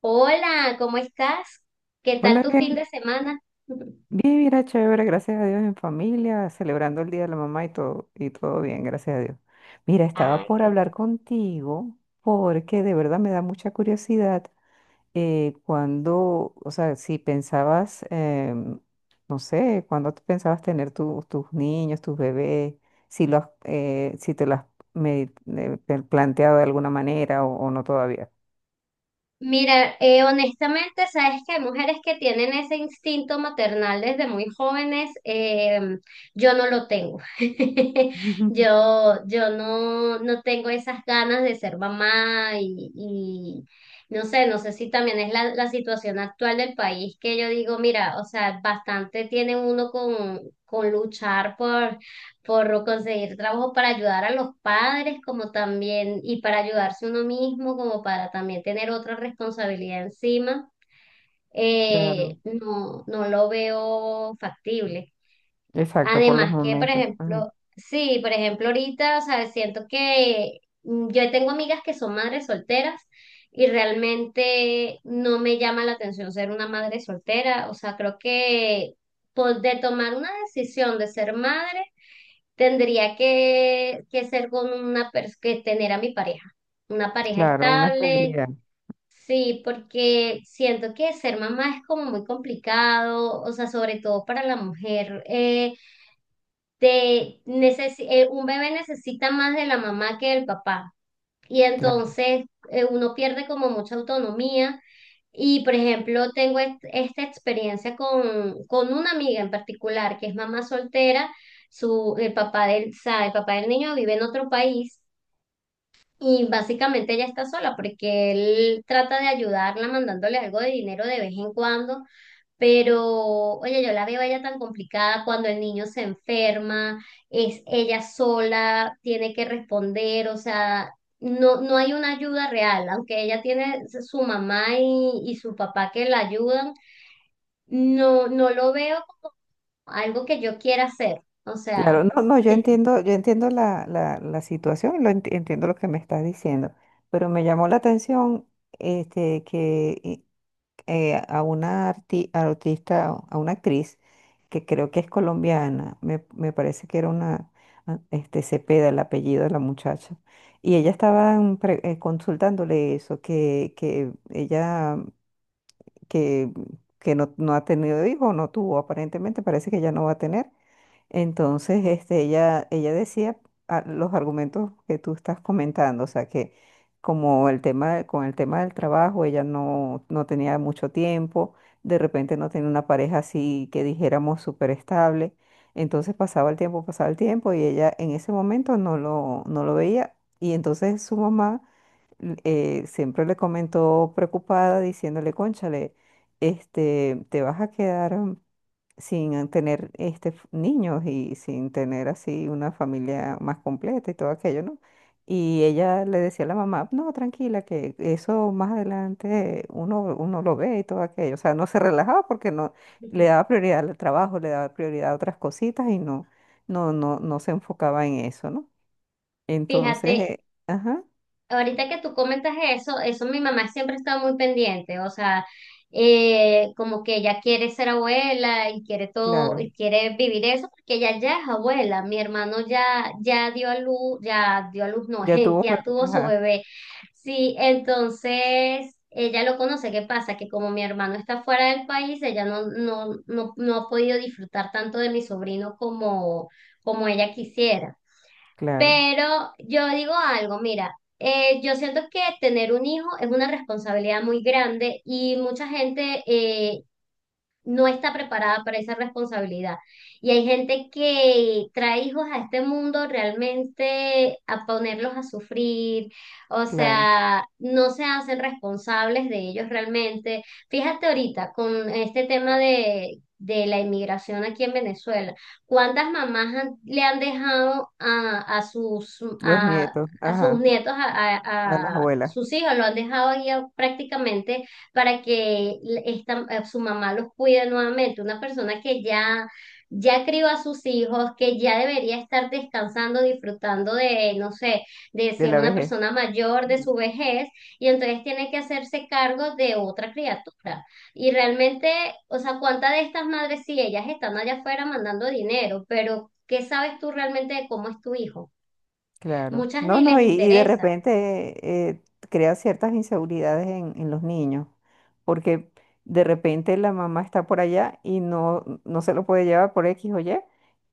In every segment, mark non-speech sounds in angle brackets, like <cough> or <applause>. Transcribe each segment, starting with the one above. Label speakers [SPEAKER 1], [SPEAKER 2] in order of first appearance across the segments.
[SPEAKER 1] Hola, ¿cómo estás? ¿Qué tal
[SPEAKER 2] Hola,
[SPEAKER 1] tu fin de
[SPEAKER 2] bien,
[SPEAKER 1] semana? <laughs>
[SPEAKER 2] bien, mira, chévere, gracias a Dios en familia, celebrando el Día de la Mamá y todo bien, gracias a Dios. Mira, estaba
[SPEAKER 1] Ay,
[SPEAKER 2] por
[SPEAKER 1] qué bueno.
[SPEAKER 2] hablar contigo porque de verdad me da mucha curiosidad cuando, o sea, si pensabas, no sé, cuando tú pensabas tener tus niños, tus bebés, si los, si te lo has planteado de alguna manera o no todavía.
[SPEAKER 1] Mira, honestamente, sabes que hay mujeres que tienen ese instinto maternal desde muy jóvenes. Yo no lo tengo. <laughs>
[SPEAKER 2] <laughs>
[SPEAKER 1] Yo, yo no tengo esas ganas de ser mamá y no sé, no sé si también es la situación actual del país que yo digo, mira, o sea, bastante tiene uno con luchar por conseguir trabajo para ayudar a los padres, como también, y para ayudarse uno mismo, como para también tener otra responsabilidad encima,
[SPEAKER 2] Claro,
[SPEAKER 1] no, no lo veo factible.
[SPEAKER 2] exacto, por los
[SPEAKER 1] Además que, por
[SPEAKER 2] momentos. Ajá.
[SPEAKER 1] ejemplo, sí, por ejemplo, ahorita, o sea, siento que yo tengo amigas que son madres solteras. Y realmente no me llama la atención ser una madre soltera. O sea, creo que pues, de tomar una decisión de ser madre tendría que ser con una persona, que tener a mi pareja, una pareja
[SPEAKER 2] Claro, una
[SPEAKER 1] estable,
[SPEAKER 2] estabilidad.
[SPEAKER 1] sí, porque siento que ser mamá es como muy complicado, o sea, sobre todo para la mujer. Un bebé necesita más de la mamá que del papá, y
[SPEAKER 2] Claro,
[SPEAKER 1] entonces uno pierde como mucha autonomía y por ejemplo, tengo esta experiencia con una amiga en particular que es mamá soltera, el papá del, o sea, el papá del niño vive en otro país y básicamente ella está sola porque él trata de ayudarla mandándole algo de dinero de vez en cuando, pero, oye, yo la veo a ella tan complicada cuando el niño se enferma, es ella sola, tiene que responder, o sea, no, no hay una ayuda real, aunque ella tiene su mamá y su papá que la ayudan, no, no lo veo como algo que yo quiera hacer. O
[SPEAKER 2] claro,
[SPEAKER 1] sea,
[SPEAKER 2] no, no, yo entiendo la, la, la situación, lo entiendo lo que me estás diciendo, pero me llamó la atención este, a una artista, a una actriz que creo que es colombiana, me parece que era una, ah, este, Cepeda, el apellido de la muchacha, y ella estaba consultándole eso, que ella, que, que no, no ha tenido hijos, no tuvo, aparentemente parece que ya no va a tener. Entonces, este, ella decía ah, los argumentos que tú estás comentando, o sea, que como el tema, con el tema del trabajo, ella no, no tenía mucho tiempo, de repente no tenía una pareja así que dijéramos súper estable, entonces pasaba el tiempo y ella en ese momento no lo, no lo veía y entonces su mamá siempre le comentó preocupada diciéndole, cónchale, este, te vas a quedar sin tener este, niños y sin tener así una familia más completa y todo aquello, ¿no? Y ella le decía a la mamá, no, tranquila, que eso más adelante uno, uno lo ve y todo aquello. O sea, no se relajaba porque no le
[SPEAKER 1] <laughs>
[SPEAKER 2] daba prioridad al trabajo, le daba prioridad a otras cositas y no, no, no, no se enfocaba en eso, ¿no? Entonces,
[SPEAKER 1] fíjate,
[SPEAKER 2] ajá,
[SPEAKER 1] ahorita que tú comentas eso, mi mamá siempre está muy pendiente, o sea, como que ella quiere ser abuela y quiere todo,
[SPEAKER 2] claro,
[SPEAKER 1] y quiere vivir eso, porque ella ya es abuela, mi hermano ya, ya dio a luz, ya dio a luz, no,
[SPEAKER 2] ya
[SPEAKER 1] <laughs>
[SPEAKER 2] tuvo,
[SPEAKER 1] ya tuvo su
[SPEAKER 2] ajá,
[SPEAKER 1] bebé. Sí, entonces ella lo conoce. ¿Qué pasa? Que como mi hermano está fuera del país, ella no, no, no, no ha podido disfrutar tanto de mi sobrino como, como ella quisiera.
[SPEAKER 2] claro,
[SPEAKER 1] Pero yo digo algo, mira, yo siento que tener un hijo es una responsabilidad muy grande y mucha gente no está preparada para esa responsabilidad. Y hay gente que trae hijos a este mundo realmente a ponerlos a sufrir, o
[SPEAKER 2] claro,
[SPEAKER 1] sea, no se hacen responsables de ellos realmente. Fíjate ahorita con este tema de la inmigración aquí en Venezuela, ¿cuántas mamás le han dejado a,
[SPEAKER 2] los nietos,
[SPEAKER 1] A sus
[SPEAKER 2] ajá,
[SPEAKER 1] nietos,
[SPEAKER 2] a las
[SPEAKER 1] a
[SPEAKER 2] abuelas,
[SPEAKER 1] sus hijos, lo han dejado ahí prácticamente para que su mamá los cuide nuevamente. Una persona que ya crió a sus hijos, que ya debería estar descansando, disfrutando de, no sé, de si
[SPEAKER 2] de
[SPEAKER 1] es
[SPEAKER 2] la
[SPEAKER 1] una
[SPEAKER 2] vejez.
[SPEAKER 1] persona mayor, de su vejez, y entonces tiene que hacerse cargo de otra criatura. Y realmente, o sea, ¿cuántas de estas madres, sí, ellas están allá afuera mandando dinero, pero qué sabes tú realmente de cómo es tu hijo?
[SPEAKER 2] Claro.
[SPEAKER 1] Muchas
[SPEAKER 2] No,
[SPEAKER 1] ni
[SPEAKER 2] no,
[SPEAKER 1] les
[SPEAKER 2] y de
[SPEAKER 1] interesa.
[SPEAKER 2] repente crea ciertas inseguridades en los niños, porque de repente la mamá está por allá y no, no se lo puede llevar por X o Y,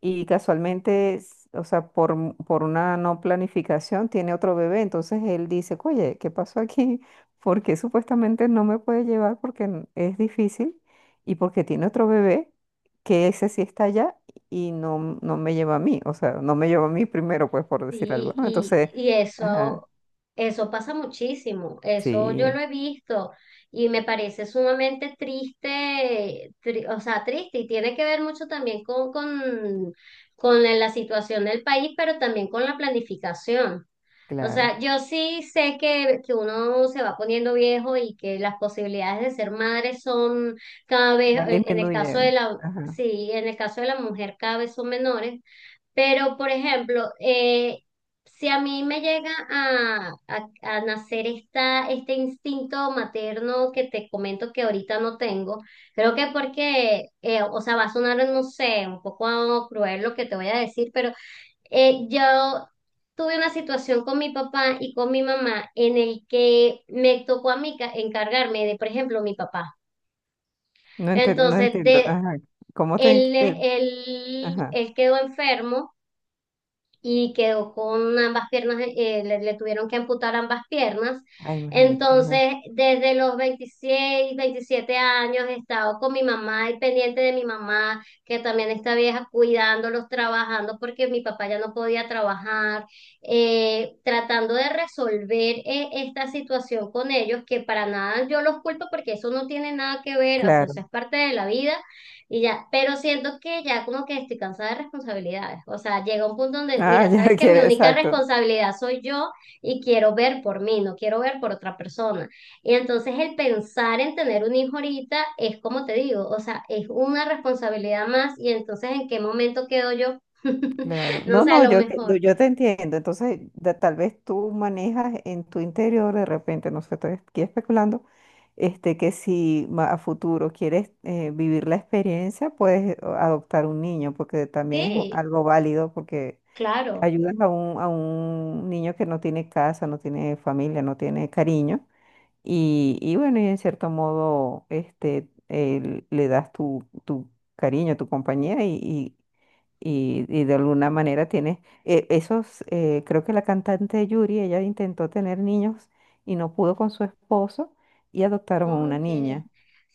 [SPEAKER 2] y casualmente, o sea, por una no planificación tiene otro bebé, entonces él dice, oye, ¿qué pasó aquí? <laughs> Porque supuestamente no me puede llevar porque es difícil y porque tiene otro bebé, que ese sí está allá y no, no me lleva a mí, o sea, no me lleva a mí primero, pues por decir algo,
[SPEAKER 1] Sí,
[SPEAKER 2] ¿no?
[SPEAKER 1] y,
[SPEAKER 2] Entonces,
[SPEAKER 1] y
[SPEAKER 2] ajá,
[SPEAKER 1] eso, pasa muchísimo, eso yo lo
[SPEAKER 2] sí,
[SPEAKER 1] he visto y me parece sumamente triste, o sea, triste y tiene que ver mucho también con la situación del país, pero también con la planificación. O
[SPEAKER 2] claro,
[SPEAKER 1] sea, yo sí sé que uno se va poniendo viejo y que las posibilidades de ser madre son cada vez,
[SPEAKER 2] van
[SPEAKER 1] en el caso de
[SPEAKER 2] disminuyendo,
[SPEAKER 1] la,
[SPEAKER 2] ajá,
[SPEAKER 1] sí, en el caso de la mujer cada vez son menores, pero, por ejemplo, si a mí me llega a, a nacer este instinto materno que te comento que ahorita no tengo, creo que porque, o sea, va a sonar, no sé, un poco cruel lo que te voy a decir, pero yo tuve una situación con mi papá y con mi mamá en el que me tocó a mí encargarme de, por ejemplo, mi papá.
[SPEAKER 2] no, no
[SPEAKER 1] Entonces,
[SPEAKER 2] entiendo, ajá, ¿cómo te,
[SPEAKER 1] él,
[SPEAKER 2] te-
[SPEAKER 1] él
[SPEAKER 2] ajá,
[SPEAKER 1] él quedó enfermo. Y quedó con ambas piernas, le tuvieron que amputar ambas piernas.
[SPEAKER 2] ah, imagínate, ajá,
[SPEAKER 1] Entonces, desde los 26 27 años he estado con mi mamá y pendiente de mi mamá, que también está vieja, cuidándolos, trabajando, porque mi papá ya no podía trabajar, tratando de resolver esta situación con ellos, que para nada yo los culpo porque eso no tiene nada que ver, o sea,
[SPEAKER 2] claro,
[SPEAKER 1] eso es parte de la vida y ya, pero siento que ya como que estoy cansada de responsabilidades. O sea, llega un punto donde,
[SPEAKER 2] ah, <laughs>
[SPEAKER 1] mira,
[SPEAKER 2] ya
[SPEAKER 1] sabes que mi
[SPEAKER 2] quiere,
[SPEAKER 1] única
[SPEAKER 2] exacto.
[SPEAKER 1] responsabilidad soy yo y quiero ver por mí, no quiero ver por otra persona. Y entonces el pensar en tener un hijo ahorita es como te digo, o sea, es una responsabilidad más y entonces ¿en qué momento quedo yo?
[SPEAKER 2] Claro,
[SPEAKER 1] <laughs> No
[SPEAKER 2] no,
[SPEAKER 1] sé, a
[SPEAKER 2] no,
[SPEAKER 1] lo
[SPEAKER 2] yo, no,
[SPEAKER 1] mejor.
[SPEAKER 2] yo te entiendo. Entonces, tal vez tú manejas en tu interior de repente, no sé, estoy aquí especulando, este, que si a futuro quieres vivir la experiencia, puedes o, adoptar un niño, porque también es
[SPEAKER 1] Sí,
[SPEAKER 2] algo válido, porque
[SPEAKER 1] claro.
[SPEAKER 2] ayudas a un niño que no tiene casa, no tiene familia, no tiene cariño. Y bueno, y en cierto modo, este, le das tu, tu cariño, tu compañía y, y de alguna manera tienes esos, creo que la cantante Yuri, ella intentó tener niños y no pudo con su esposo y adoptaron a una
[SPEAKER 1] Ok.
[SPEAKER 2] niña.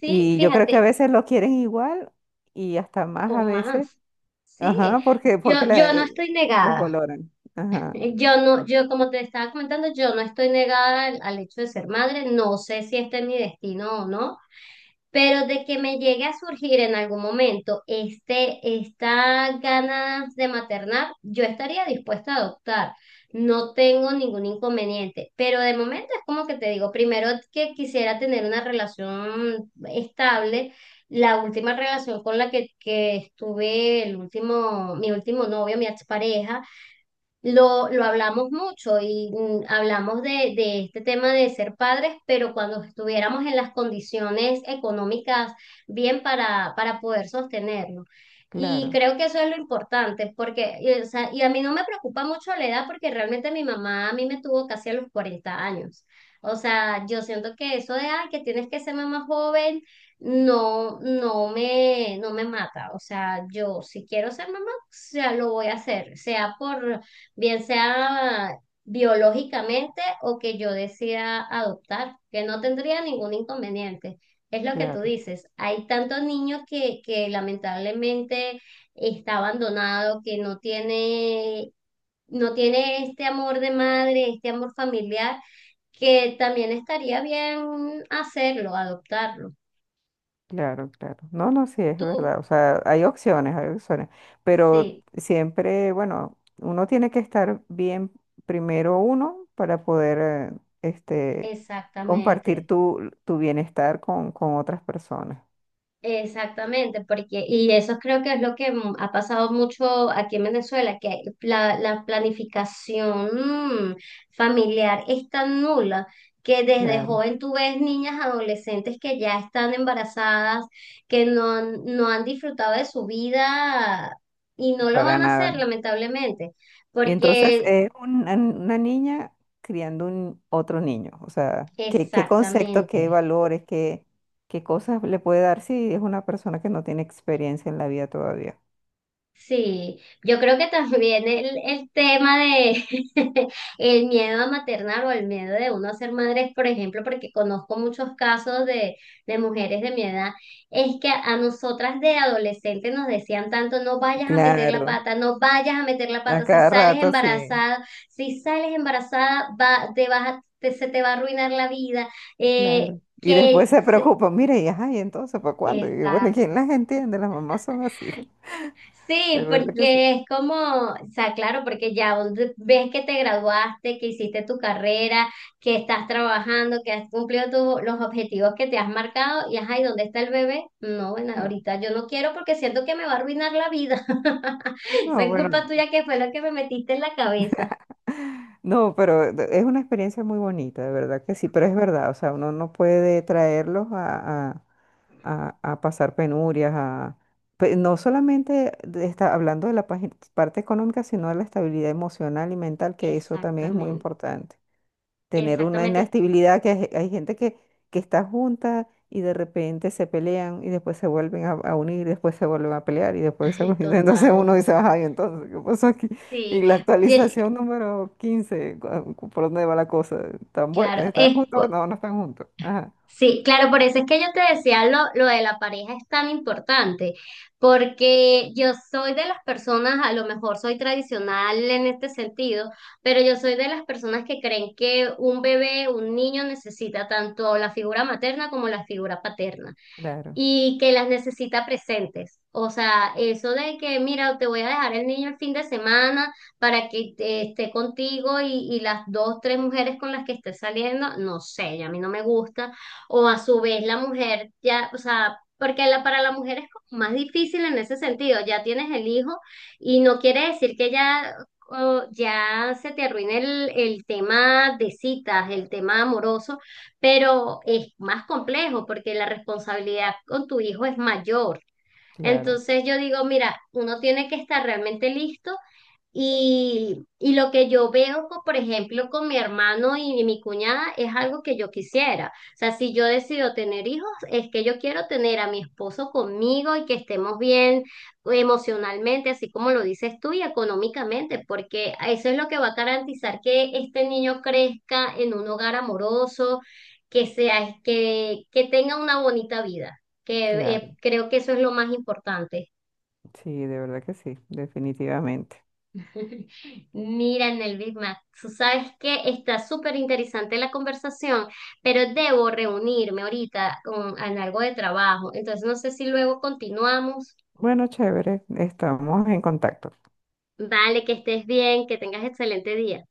[SPEAKER 1] Sí,
[SPEAKER 2] Y yo creo que a
[SPEAKER 1] fíjate,
[SPEAKER 2] veces lo quieren igual y hasta más
[SPEAKER 1] o
[SPEAKER 2] a veces,
[SPEAKER 1] más. Sí,
[SPEAKER 2] ajá, porque,
[SPEAKER 1] yo no estoy
[SPEAKER 2] los
[SPEAKER 1] negada.
[SPEAKER 2] valoran. Ajá,
[SPEAKER 1] Yo no, yo como te estaba comentando, yo no estoy negada al, hecho de ser madre, no sé si este es mi destino o no, pero de que me llegue a surgir en algún momento este, esta ganas de maternar, yo estaría dispuesta a adoptar, no tengo ningún inconveniente, pero de momento es como que te digo, primero que quisiera tener una relación estable. La última relación con la que estuve, el último, mi último novio, mi expareja, lo hablamos mucho y hablamos de, este tema de ser padres, pero cuando estuviéramos en las condiciones económicas bien para, poder sostenerlo. Y
[SPEAKER 2] claro,
[SPEAKER 1] creo que eso es lo importante, porque, y, o sea, y a mí no me preocupa mucho la edad, porque realmente mi mamá a mí me tuvo casi a los 40 años. O sea, yo siento que eso de, ay, que tienes que ser mamá joven, no, no me mata. O sea, yo si quiero ser mamá, o sea, lo voy a hacer, sea por bien sea biológicamente o que yo decida adoptar, que no tendría ningún inconveniente. Es lo que tú
[SPEAKER 2] claro.
[SPEAKER 1] dices, hay tantos niños que lamentablemente está abandonado, que no tiene, no tiene este amor de madre, este amor familiar, que también estaría bien hacerlo, adoptarlo.
[SPEAKER 2] Claro, claro. No, no, sí, es
[SPEAKER 1] Tú,
[SPEAKER 2] verdad. O sea, hay opciones, hay opciones. Pero
[SPEAKER 1] sí,
[SPEAKER 2] siempre, bueno, uno tiene que estar bien primero uno para poder, este,
[SPEAKER 1] exactamente.
[SPEAKER 2] compartir tu, tu bienestar con otras personas.
[SPEAKER 1] Exactamente, porque, y eso creo que es lo que ha pasado mucho aquí en Venezuela, que la planificación familiar es tan nula que desde
[SPEAKER 2] Claro.
[SPEAKER 1] joven tú ves niñas adolescentes que ya están embarazadas, que no han, no han disfrutado de su vida y no lo
[SPEAKER 2] Para
[SPEAKER 1] van a hacer,
[SPEAKER 2] nada.
[SPEAKER 1] lamentablemente,
[SPEAKER 2] Y entonces
[SPEAKER 1] porque
[SPEAKER 2] es una niña criando un otro niño. O sea, ¿qué, qué conceptos,
[SPEAKER 1] exactamente.
[SPEAKER 2] qué valores, qué, qué cosas le puede dar si es una persona que no tiene experiencia en la vida todavía?
[SPEAKER 1] Sí, yo creo que también el tema de <laughs> el miedo a maternar o el miedo de uno a ser madre, por ejemplo, porque conozco muchos casos de mujeres de mi edad, es que a nosotras de adolescentes nos decían tanto, no vayas a meter la
[SPEAKER 2] Claro.
[SPEAKER 1] pata, no vayas a meter la
[SPEAKER 2] A
[SPEAKER 1] pata, si
[SPEAKER 2] cada
[SPEAKER 1] sales
[SPEAKER 2] rato, sí,
[SPEAKER 1] embarazada, si sales embarazada, va, te vas a- te- se te va a arruinar la vida. eh,
[SPEAKER 2] claro. Y después
[SPEAKER 1] que...
[SPEAKER 2] se
[SPEAKER 1] se-
[SPEAKER 2] preocupan, mire, y ajá, y entonces, ¿para cuándo? Y bueno,
[SPEAKER 1] Exacto.
[SPEAKER 2] ¿quién las entiende? Las mamás son así, <laughs> de
[SPEAKER 1] Sí,
[SPEAKER 2] verdad que sí.
[SPEAKER 1] porque es como, o sea, claro, porque ya vos ves que te graduaste, que hiciste tu carrera, que estás trabajando, que has cumplido los objetivos que te has marcado y ajá, ¿y dónde está el bebé? No, bueno, ahorita yo no quiero porque siento que me va a arruinar la vida. <laughs> Esa
[SPEAKER 2] No,
[SPEAKER 1] es
[SPEAKER 2] bueno,
[SPEAKER 1] culpa tuya que fue lo que me metiste en la cabeza.
[SPEAKER 2] no, pero es una experiencia muy bonita, de verdad que sí, pero es verdad, o sea, uno no puede traerlos a, a pasar penurias, a, no solamente está hablando de la parte económica, sino de la estabilidad emocional y mental, que eso también es muy
[SPEAKER 1] Exactamente,
[SPEAKER 2] importante. Tener una
[SPEAKER 1] exactamente,
[SPEAKER 2] inestabilidad, que hay gente que está junta y de repente se pelean y después se vuelven a unir, después se vuelven a pelear y después se
[SPEAKER 1] <laughs>
[SPEAKER 2] vuelven, <laughs> entonces
[SPEAKER 1] total.
[SPEAKER 2] uno dice, ay, entonces, ¿qué pasó aquí? Y
[SPEAKER 1] Sí,
[SPEAKER 2] la
[SPEAKER 1] y el-
[SPEAKER 2] actualización número 15 ¿por dónde va la cosa? ¿Están,
[SPEAKER 1] claro,
[SPEAKER 2] están
[SPEAKER 1] es
[SPEAKER 2] juntos? No, no están juntos. Ajá,
[SPEAKER 1] sí, claro, por eso es que yo te decía lo de la pareja es tan importante, porque yo soy de las personas, a lo mejor soy tradicional en este sentido, pero yo soy de las personas que creen que un bebé, un niño necesita tanto la figura materna como la figura paterna
[SPEAKER 2] claro,
[SPEAKER 1] y que las necesita presentes. O sea, eso de que, mira, te voy a dejar el niño el fin de semana para que esté contigo y las dos, tres mujeres con las que estés saliendo, no sé, ya a mí no me gusta. O a su vez la mujer, ya, o sea, porque para la mujer es como más difícil en ese sentido, ya tienes el hijo y no quiere decir que ya... o ya se te arruine el tema de citas, el tema amoroso, pero es más complejo porque la responsabilidad con tu hijo es mayor.
[SPEAKER 2] claro,
[SPEAKER 1] Entonces yo digo, mira, uno tiene que estar realmente listo y lo que yo veo, por ejemplo, con mi hermano y mi cuñada es algo que yo quisiera. O sea, si yo decido tener hijos, es que yo quiero tener a mi esposo conmigo y que estemos bien pues, emocionalmente, así como lo dices tú, y económicamente, porque eso es lo que va a garantizar que este niño crezca en un hogar amoroso, que sea, que tenga una bonita vida, que
[SPEAKER 2] claro.
[SPEAKER 1] creo que eso es lo más importante.
[SPEAKER 2] Sí, de verdad que sí, definitivamente.
[SPEAKER 1] <laughs> Miren el Big Mac. Tú sabes que está súper interesante la conversación, pero debo reunirme ahorita con, en algo de trabajo. Entonces no sé si luego continuamos.
[SPEAKER 2] Bueno, chévere, estamos en contacto.
[SPEAKER 1] Vale, que estés bien, que tengas excelente día.